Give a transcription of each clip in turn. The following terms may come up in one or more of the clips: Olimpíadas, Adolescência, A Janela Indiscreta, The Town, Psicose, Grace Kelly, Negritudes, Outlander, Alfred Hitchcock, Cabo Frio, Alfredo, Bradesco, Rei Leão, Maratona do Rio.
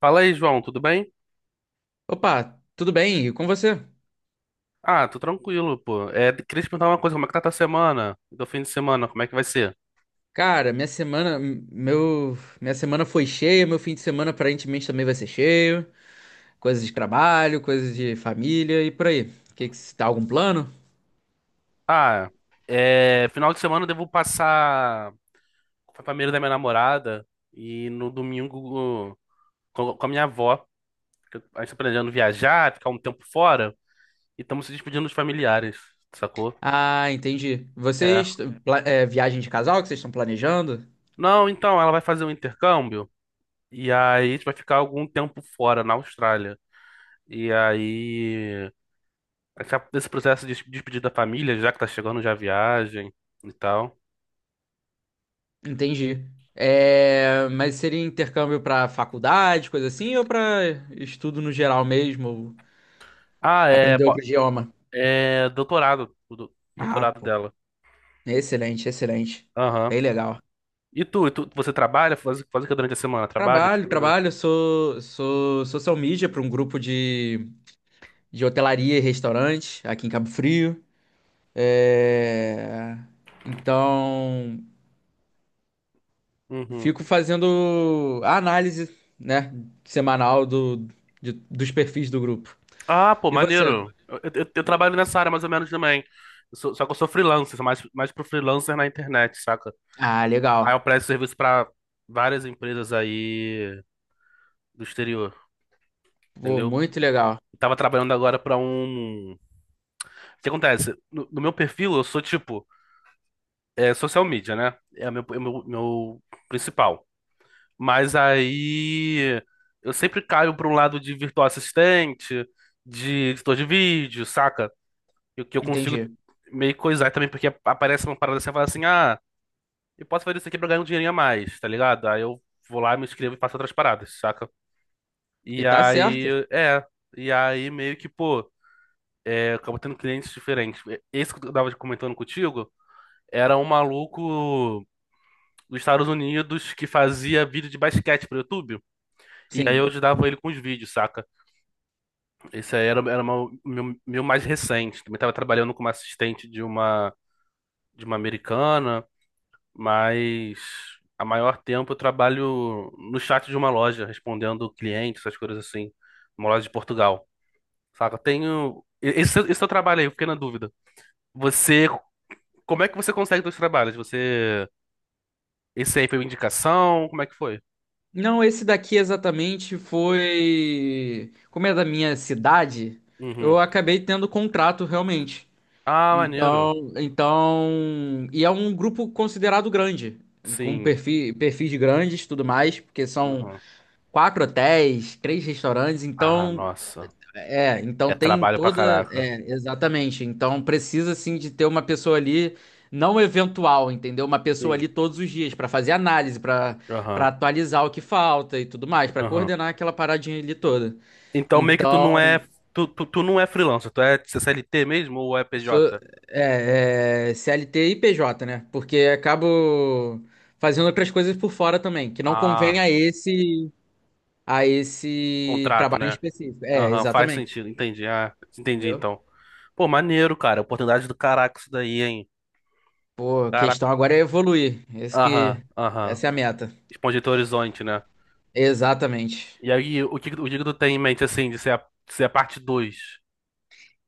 Fala aí, João, tudo bem? Opa, tudo bem? E com você? Ah, tô tranquilo, pô. É, queria te perguntar uma coisa, como é que tá tua semana? Do fim de semana, como é que vai ser? Cara, minha semana, minha semana foi cheia, meu fim de semana aparentemente também vai ser cheio. Coisas de trabalho, coisas de família e por aí. Tá algum plano? Ah, é, final de semana eu devo passar com a família da minha namorada e no domingo com a minha avó. Que A gente tá planejando viajar, ficar um tempo fora e estamos se despedindo dos familiares, sacou? Ah, entendi. É. Vocês, é, viagem de casal que vocês estão planejando? Não, então, ela vai fazer um intercâmbio e aí a gente vai ficar algum tempo fora, na Austrália. E aí. Esse processo de despedir da família, já que tá chegando já a viagem e tal. Entendi. É, mas seria intercâmbio pra faculdade, coisa assim, ou pra estudo no geral mesmo, ou Ah, é, aprender po- outro idioma? é doutorado, Ah, doutorado pô, dela. excelente, excelente. Aham. Bem legal. E tu, você trabalha? Faz, o que durante a semana? Trabalha, Trabalho, estuda? trabalho, sou social media para um grupo de hotelaria e restaurante aqui em Cabo Frio. É, então, Uhum. fico fazendo a análise, né, semanal do, dos perfis do grupo. Ah, pô, E você? maneiro. Eu trabalho nessa área mais ou menos também. Só que eu sou freelancer, sou mais pro freelancer na internet, saca? Ah, Aí legal. eu presto serviço pra várias empresas aí do exterior, Pô, entendeu? muito legal. Eu tava trabalhando agora pra um. O que acontece? No meu perfil, eu sou tipo. É social media, né? É o meu principal. Mas aí eu sempre caio para um lado de virtual assistente, de editor de vídeo, saca? E o que eu consigo Entendi. meio coisar também, porque aparece uma parada assim e fala assim: ah, eu posso fazer isso aqui pra ganhar um dinheirinho a mais, tá ligado? Aí eu vou lá, me inscrevo e faço outras paradas, saca? E E tá certo? aí, é. E aí meio que, pô, é, acabo tendo clientes diferentes. Esse que eu tava comentando contigo era um maluco dos Estados Unidos que fazia vídeo de basquete pro YouTube. E aí eu Sim. ajudava ele com os vídeos, saca? Esse aí era meu mais recente. Também tava trabalhando como assistente de uma americana, mas a maior tempo eu trabalho no chat de uma loja, respondendo clientes, essas coisas assim. Uma loja de Portugal, saca? Eu tenho. Esse seu trabalho aí, eu fiquei na dúvida. Você. Como é que você consegue dois trabalhos? Você. Esse aí foi uma indicação? Como é que foi? Não, esse daqui exatamente foi. Como é da minha cidade, eu Uhum. acabei tendo contrato realmente. Ah, maneiro. Então, então, e é um grupo considerado grande, com Sim. perfis grandes, e tudo mais, porque são Aham. quatro hotéis, três restaurantes, Ah, então, nossa. é, então É tem trabalho pra toda, caraca. é, exatamente, então precisa assim de ter uma pessoa ali não eventual, entendeu? Uma pessoa Sim. ali todos os dias para fazer análise, para Aham. para atualizar o que falta e tudo mais, para Aham. coordenar aquela paradinha ali toda. Então meio que tu não é. Então, Tu não é freelancer, tu é CLT mesmo ou é sou, PJ? é, é, CLT e PJ, né? Porque acabo fazendo outras coisas por fora também, que não convém Ah, a esse contrato, trabalho em né? específico. É, Aham, faz exatamente. sentido, entendi. Ah, entendi Entendeu? então. Pô, maneiro, cara. Oportunidade do caraca isso daí, hein? Pô, a Caraca. questão agora é evoluir. Esse Aham, que, aham. essa é a meta. Expandir teu horizonte, né? Exatamente. E aí, o que que tu tem em mente, assim, de ser a parte 2?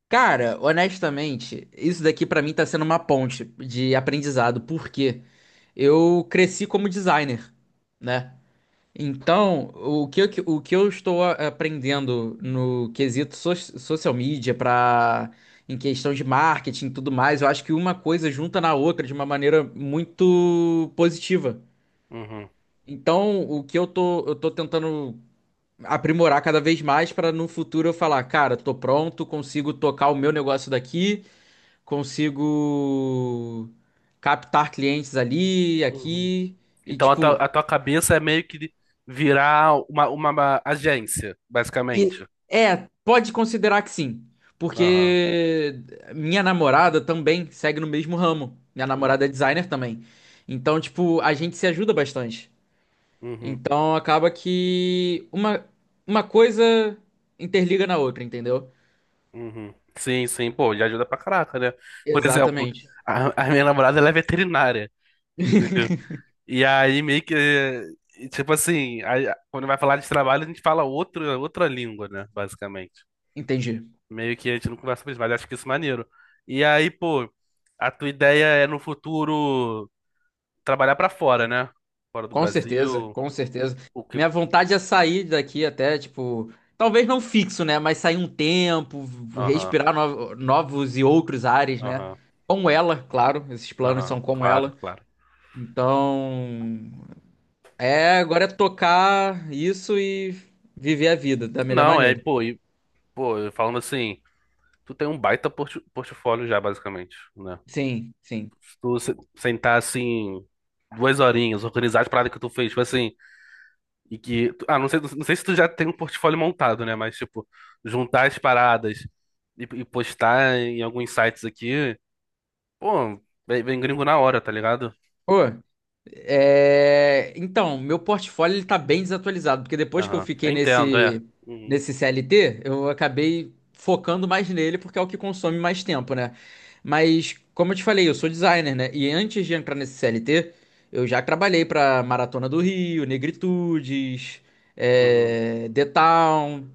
Cara, honestamente, isso daqui pra mim tá sendo uma ponte de aprendizado, porque eu cresci como designer, né? Então, o que eu estou aprendendo no quesito social media para em questão de marketing e tudo mais, eu acho que uma coisa junta na outra de uma maneira muito positiva. Uhum. Então, o que eu tô tentando aprimorar cada vez mais para no futuro eu falar, cara, tô pronto, consigo tocar o meu negócio daqui, consigo captar clientes ali, Uhum. aqui. E, Então a tua, tipo, a tua cabeça é meio que virar uma agência, e basicamente. é, pode considerar que sim, Aham. porque minha namorada também segue no mesmo ramo. Minha Uhum. namorada é designer também. Então, tipo, a gente se ajuda bastante. Uhum. Então, acaba que uma coisa interliga na outra, entendeu? Uhum. Sim, sim, pô, já ajuda pra caraca, né? Por exemplo, Exatamente. a minha namorada ela é veterinária, entendeu? E aí meio que, tipo assim, aí, quando vai falar de trabalho, a gente fala outra língua, né? Basicamente. Entendi. Meio que a gente não conversa mais, mas acho que isso é maneiro. E aí, pô, a tua ideia é no futuro trabalhar pra fora, né? Fora do Com certeza, Brasil. com certeza. O que. Minha vontade é sair daqui até, tipo, talvez não fixo, né? Mas sair um tempo, Aham, respirar novos e outros ares, né? aham, Com ela, claro, esses planos aham. são com Claro, ela. claro. Então, é, agora é tocar isso e viver a vida da melhor Não, é, maneira. pô, e, pô, falando assim, tu tem um baita portfólio já, basicamente, né? Sim, sim. Se tu sentar assim, 2 horinhas, organizar as paradas que tu fez, tipo assim, e que. Ah, não sei se tu já tem um portfólio montado, né? Mas, tipo, juntar as paradas e postar em alguns sites aqui, pô, vem, vem gringo na hora, tá ligado? Pô, é, então, meu portfólio ele tá bem desatualizado, porque depois que eu Aham. Eu fiquei entendo, é. nesse, Uhum, nesse CLT, eu acabei focando mais nele, porque é o que consome mais tempo, né? Mas, como eu te falei, eu sou designer, né? E antes de entrar nesse CLT, eu já trabalhei pra Maratona do Rio, Negritudes, uhum. é... The Town,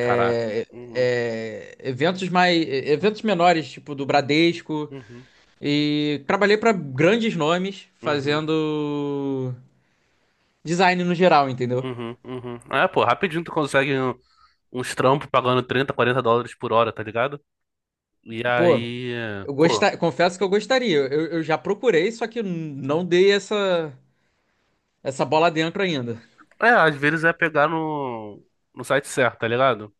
Caraca. Uhum, é, eventos mais, eventos menores, tipo do Bradesco. uhum, E trabalhei pra grandes nomes uhum. fazendo design no geral, entendeu? Uhum, uhum. Ah, pô, rapidinho tu consegue uns trampos pagando 30, 40 dólares por hora, tá ligado? E Pô, aí, eu pô, gosta... confesso que eu gostaria. Eu já procurei, só que não dei essa, essa bola dentro ainda. é, às vezes é pegar no site certo, tá ligado?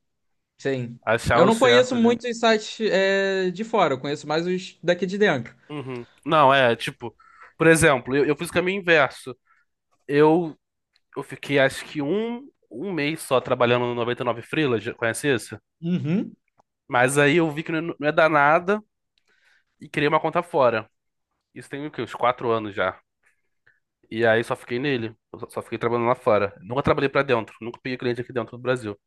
Sim. Achar Eu o não certo conheço ali. muitos sites é, de fora, eu conheço mais os daqui de dentro. Uhum. Não, é, tipo, por exemplo, eu fiz o caminho inverso. Eu, eu fiquei acho que um mês só trabalhando no 99Freelas, já conhece isso? Uhum. Mas aí eu vi que não, é não é dar nada e criei uma conta fora. Isso tem o quê? Uns 4 anos já. E aí só fiquei nele. Eu só fiquei trabalhando lá fora. Nunca trabalhei pra dentro. Nunca peguei cliente aqui dentro do Brasil.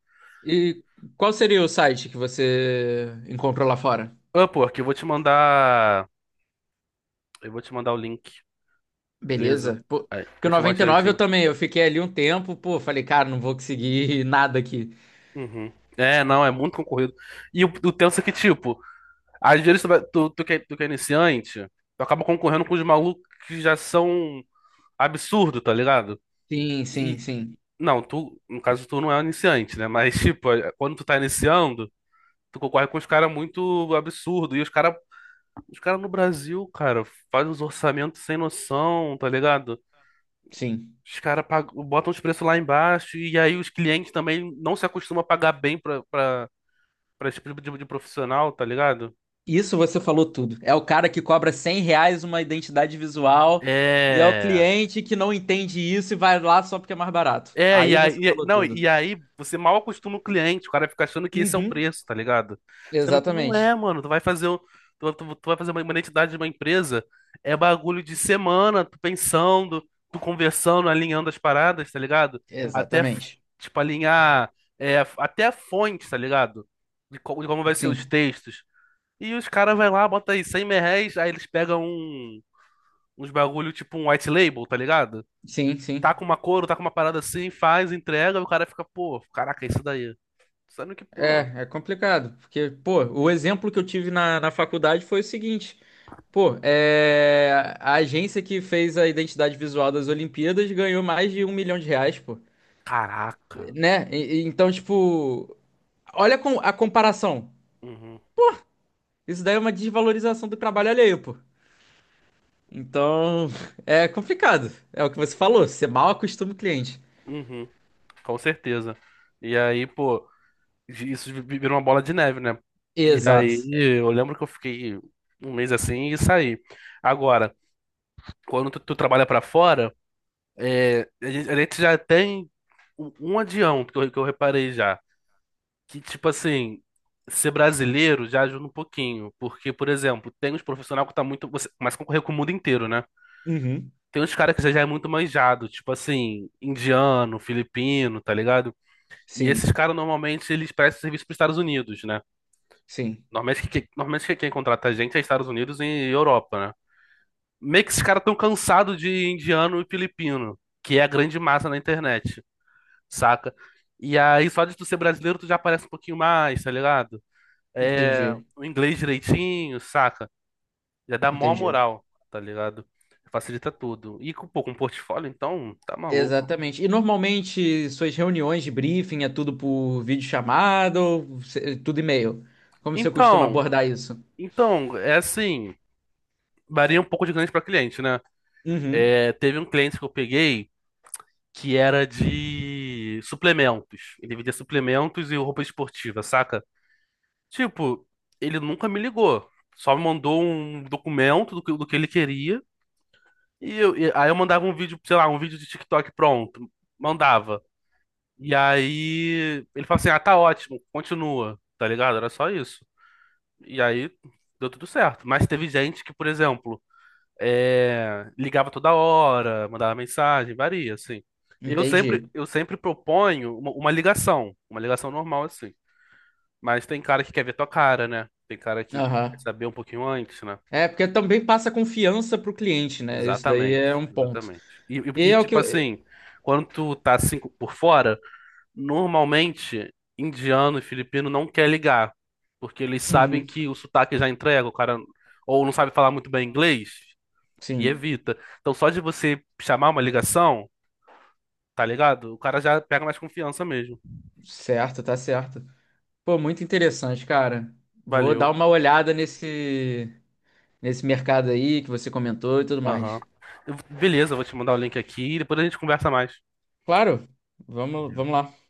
E qual seria o site que você encontrou lá fora? Upwork, eu vou te mandar. Eu vou te mandar o link, beleza? Beleza. Pô, Aí, porque o eu te noventa e mostro nove, eu direitinho. também, eu fiquei ali um tempo, pô, falei, cara, não vou conseguir nada aqui. Uhum. É, não, é muito concorrido. E o tenso é que, tipo, às vezes tu, vai- tu, tu que é iniciante, tu acaba concorrendo com os malucos que já são absurdo, tá ligado? Sim, sim, E. sim. Não, tu, no caso, tu não é um iniciante, né? Mas, tipo, quando tu tá iniciando, tu concorre com os caras muito absurdo. Os caras no Brasil, cara, faz os orçamentos sem noção, tá ligado? Sim. Os caras botam os preços lá embaixo e aí os clientes também não se acostumam a pagar bem pra esse tipo de profissional, tá ligado? Isso você falou tudo. É o cara que cobra 100 reais uma identidade visual e é o É. cliente que não entende isso e vai lá só porque é mais barato. É, e Aí você aí, falou não, tudo. e aí você mal acostuma o cliente, o cara fica achando que esse é o Uhum. preço, tá ligado? Sendo que não é, Exatamente. mano. Tu vai fazer uma identidade de uma empresa, é bagulho de semana, tu pensando, tu conversando, alinhando as paradas, tá ligado? Até, Exatamente. tipo, alinhar, é, até a fonte, tá ligado? De como vai ser os Sim. textos. E os caras vai lá, bota aí 100 mil reais, aí eles pegam uns bagulho, tipo um white label, tá ligado? Sim, Tá sim. com uma cor, tá com uma parada assim, faz, entrega, o cara fica, pô, caraca, é isso daí. Sendo que, pô, É, é complicado. Porque, pô, o exemplo que eu tive na, na faculdade foi o seguinte. Pô, é... a agência que fez a identidade visual das Olimpíadas ganhou mais de 1 milhão de reais, pô. caraca. Né? Então, tipo, olha a comparação. Uhum, Isso daí é uma desvalorização do trabalho alheio, pô. Então, é complicado. É o que você falou, você mal acostuma o cliente. uhum, com certeza. E aí, pô, isso virou uma bola de neve, né? E Exato. aí, eu lembro que eu fiquei um mês assim e saí. Agora, quando tu trabalha pra fora, é, a gente já tem um adião que eu reparei já. Que, tipo assim, ser brasileiro já ajuda um pouquinho. Porque, por exemplo, tem uns profissionais que tá muito. Você começa a concorrer com o mundo inteiro, né? Uhum. Tem uns caras que já é muito manjado, tipo assim, indiano, filipino, tá ligado? E esses Sim, caras normalmente eles prestam serviço pros Estados Unidos, né? sim. Normalmente, quem contrata a gente é Estados Unidos e Europa, né? Meio que esses caras tão cansados de indiano e filipino, que é a grande massa na internet, saca? E aí, só de tu ser brasileiro, tu já aparece um pouquinho mais, tá ligado? Entendi, O inglês direitinho, saca? Já dá mó entendi. moral, tá ligado? Facilita tudo. E com, pô, com portfólio, então, tá maluco. Exatamente. E normalmente suas reuniões de briefing é tudo por videochamada ou tudo e-mail? Como você costuma Então, abordar isso? então, é assim, varia um pouco de cliente pra cliente, né? Uhum. É, teve um cliente que eu peguei que era de suplementos. Ele vendia suplementos e roupa esportiva, saca? Tipo, ele nunca me ligou. Só me mandou um documento do que ele queria. E aí eu mandava um vídeo, sei lá, um vídeo de TikTok pronto. Mandava. E aí ele falou assim: ah, tá ótimo, continua, tá ligado? Era só isso. E aí deu tudo certo. Mas teve gente que, por exemplo, ligava toda hora, mandava mensagem, varia, assim. Eu sempre, Entendi. eu sempre proponho uma ligação, uma ligação normal, assim. Mas tem cara que quer ver tua cara, né? Tem cara que Aham. quer saber um pouquinho antes, né? É, porque também passa confiança pro cliente, né? Isso daí Exatamente, é um ponto. exatamente. E, e- E e, é o que. tipo assim, quando tu tá assim por fora. Normalmente, indiano e filipino não quer ligar, porque eles sabem Uhum. que o sotaque já entrega, o cara ou não sabe falar muito bem inglês e Sim. evita. Então, só de você chamar uma ligação, tá ligado? O cara já pega mais confiança mesmo. Certo, tá certo. Pô, muito interessante, cara. Vou dar Valeu. uma olhada nesse nesse mercado aí que você comentou e tudo Aham. mais. Beleza, eu vou te mandar o link aqui e depois a gente conversa mais. Claro, vamos, vamos lá.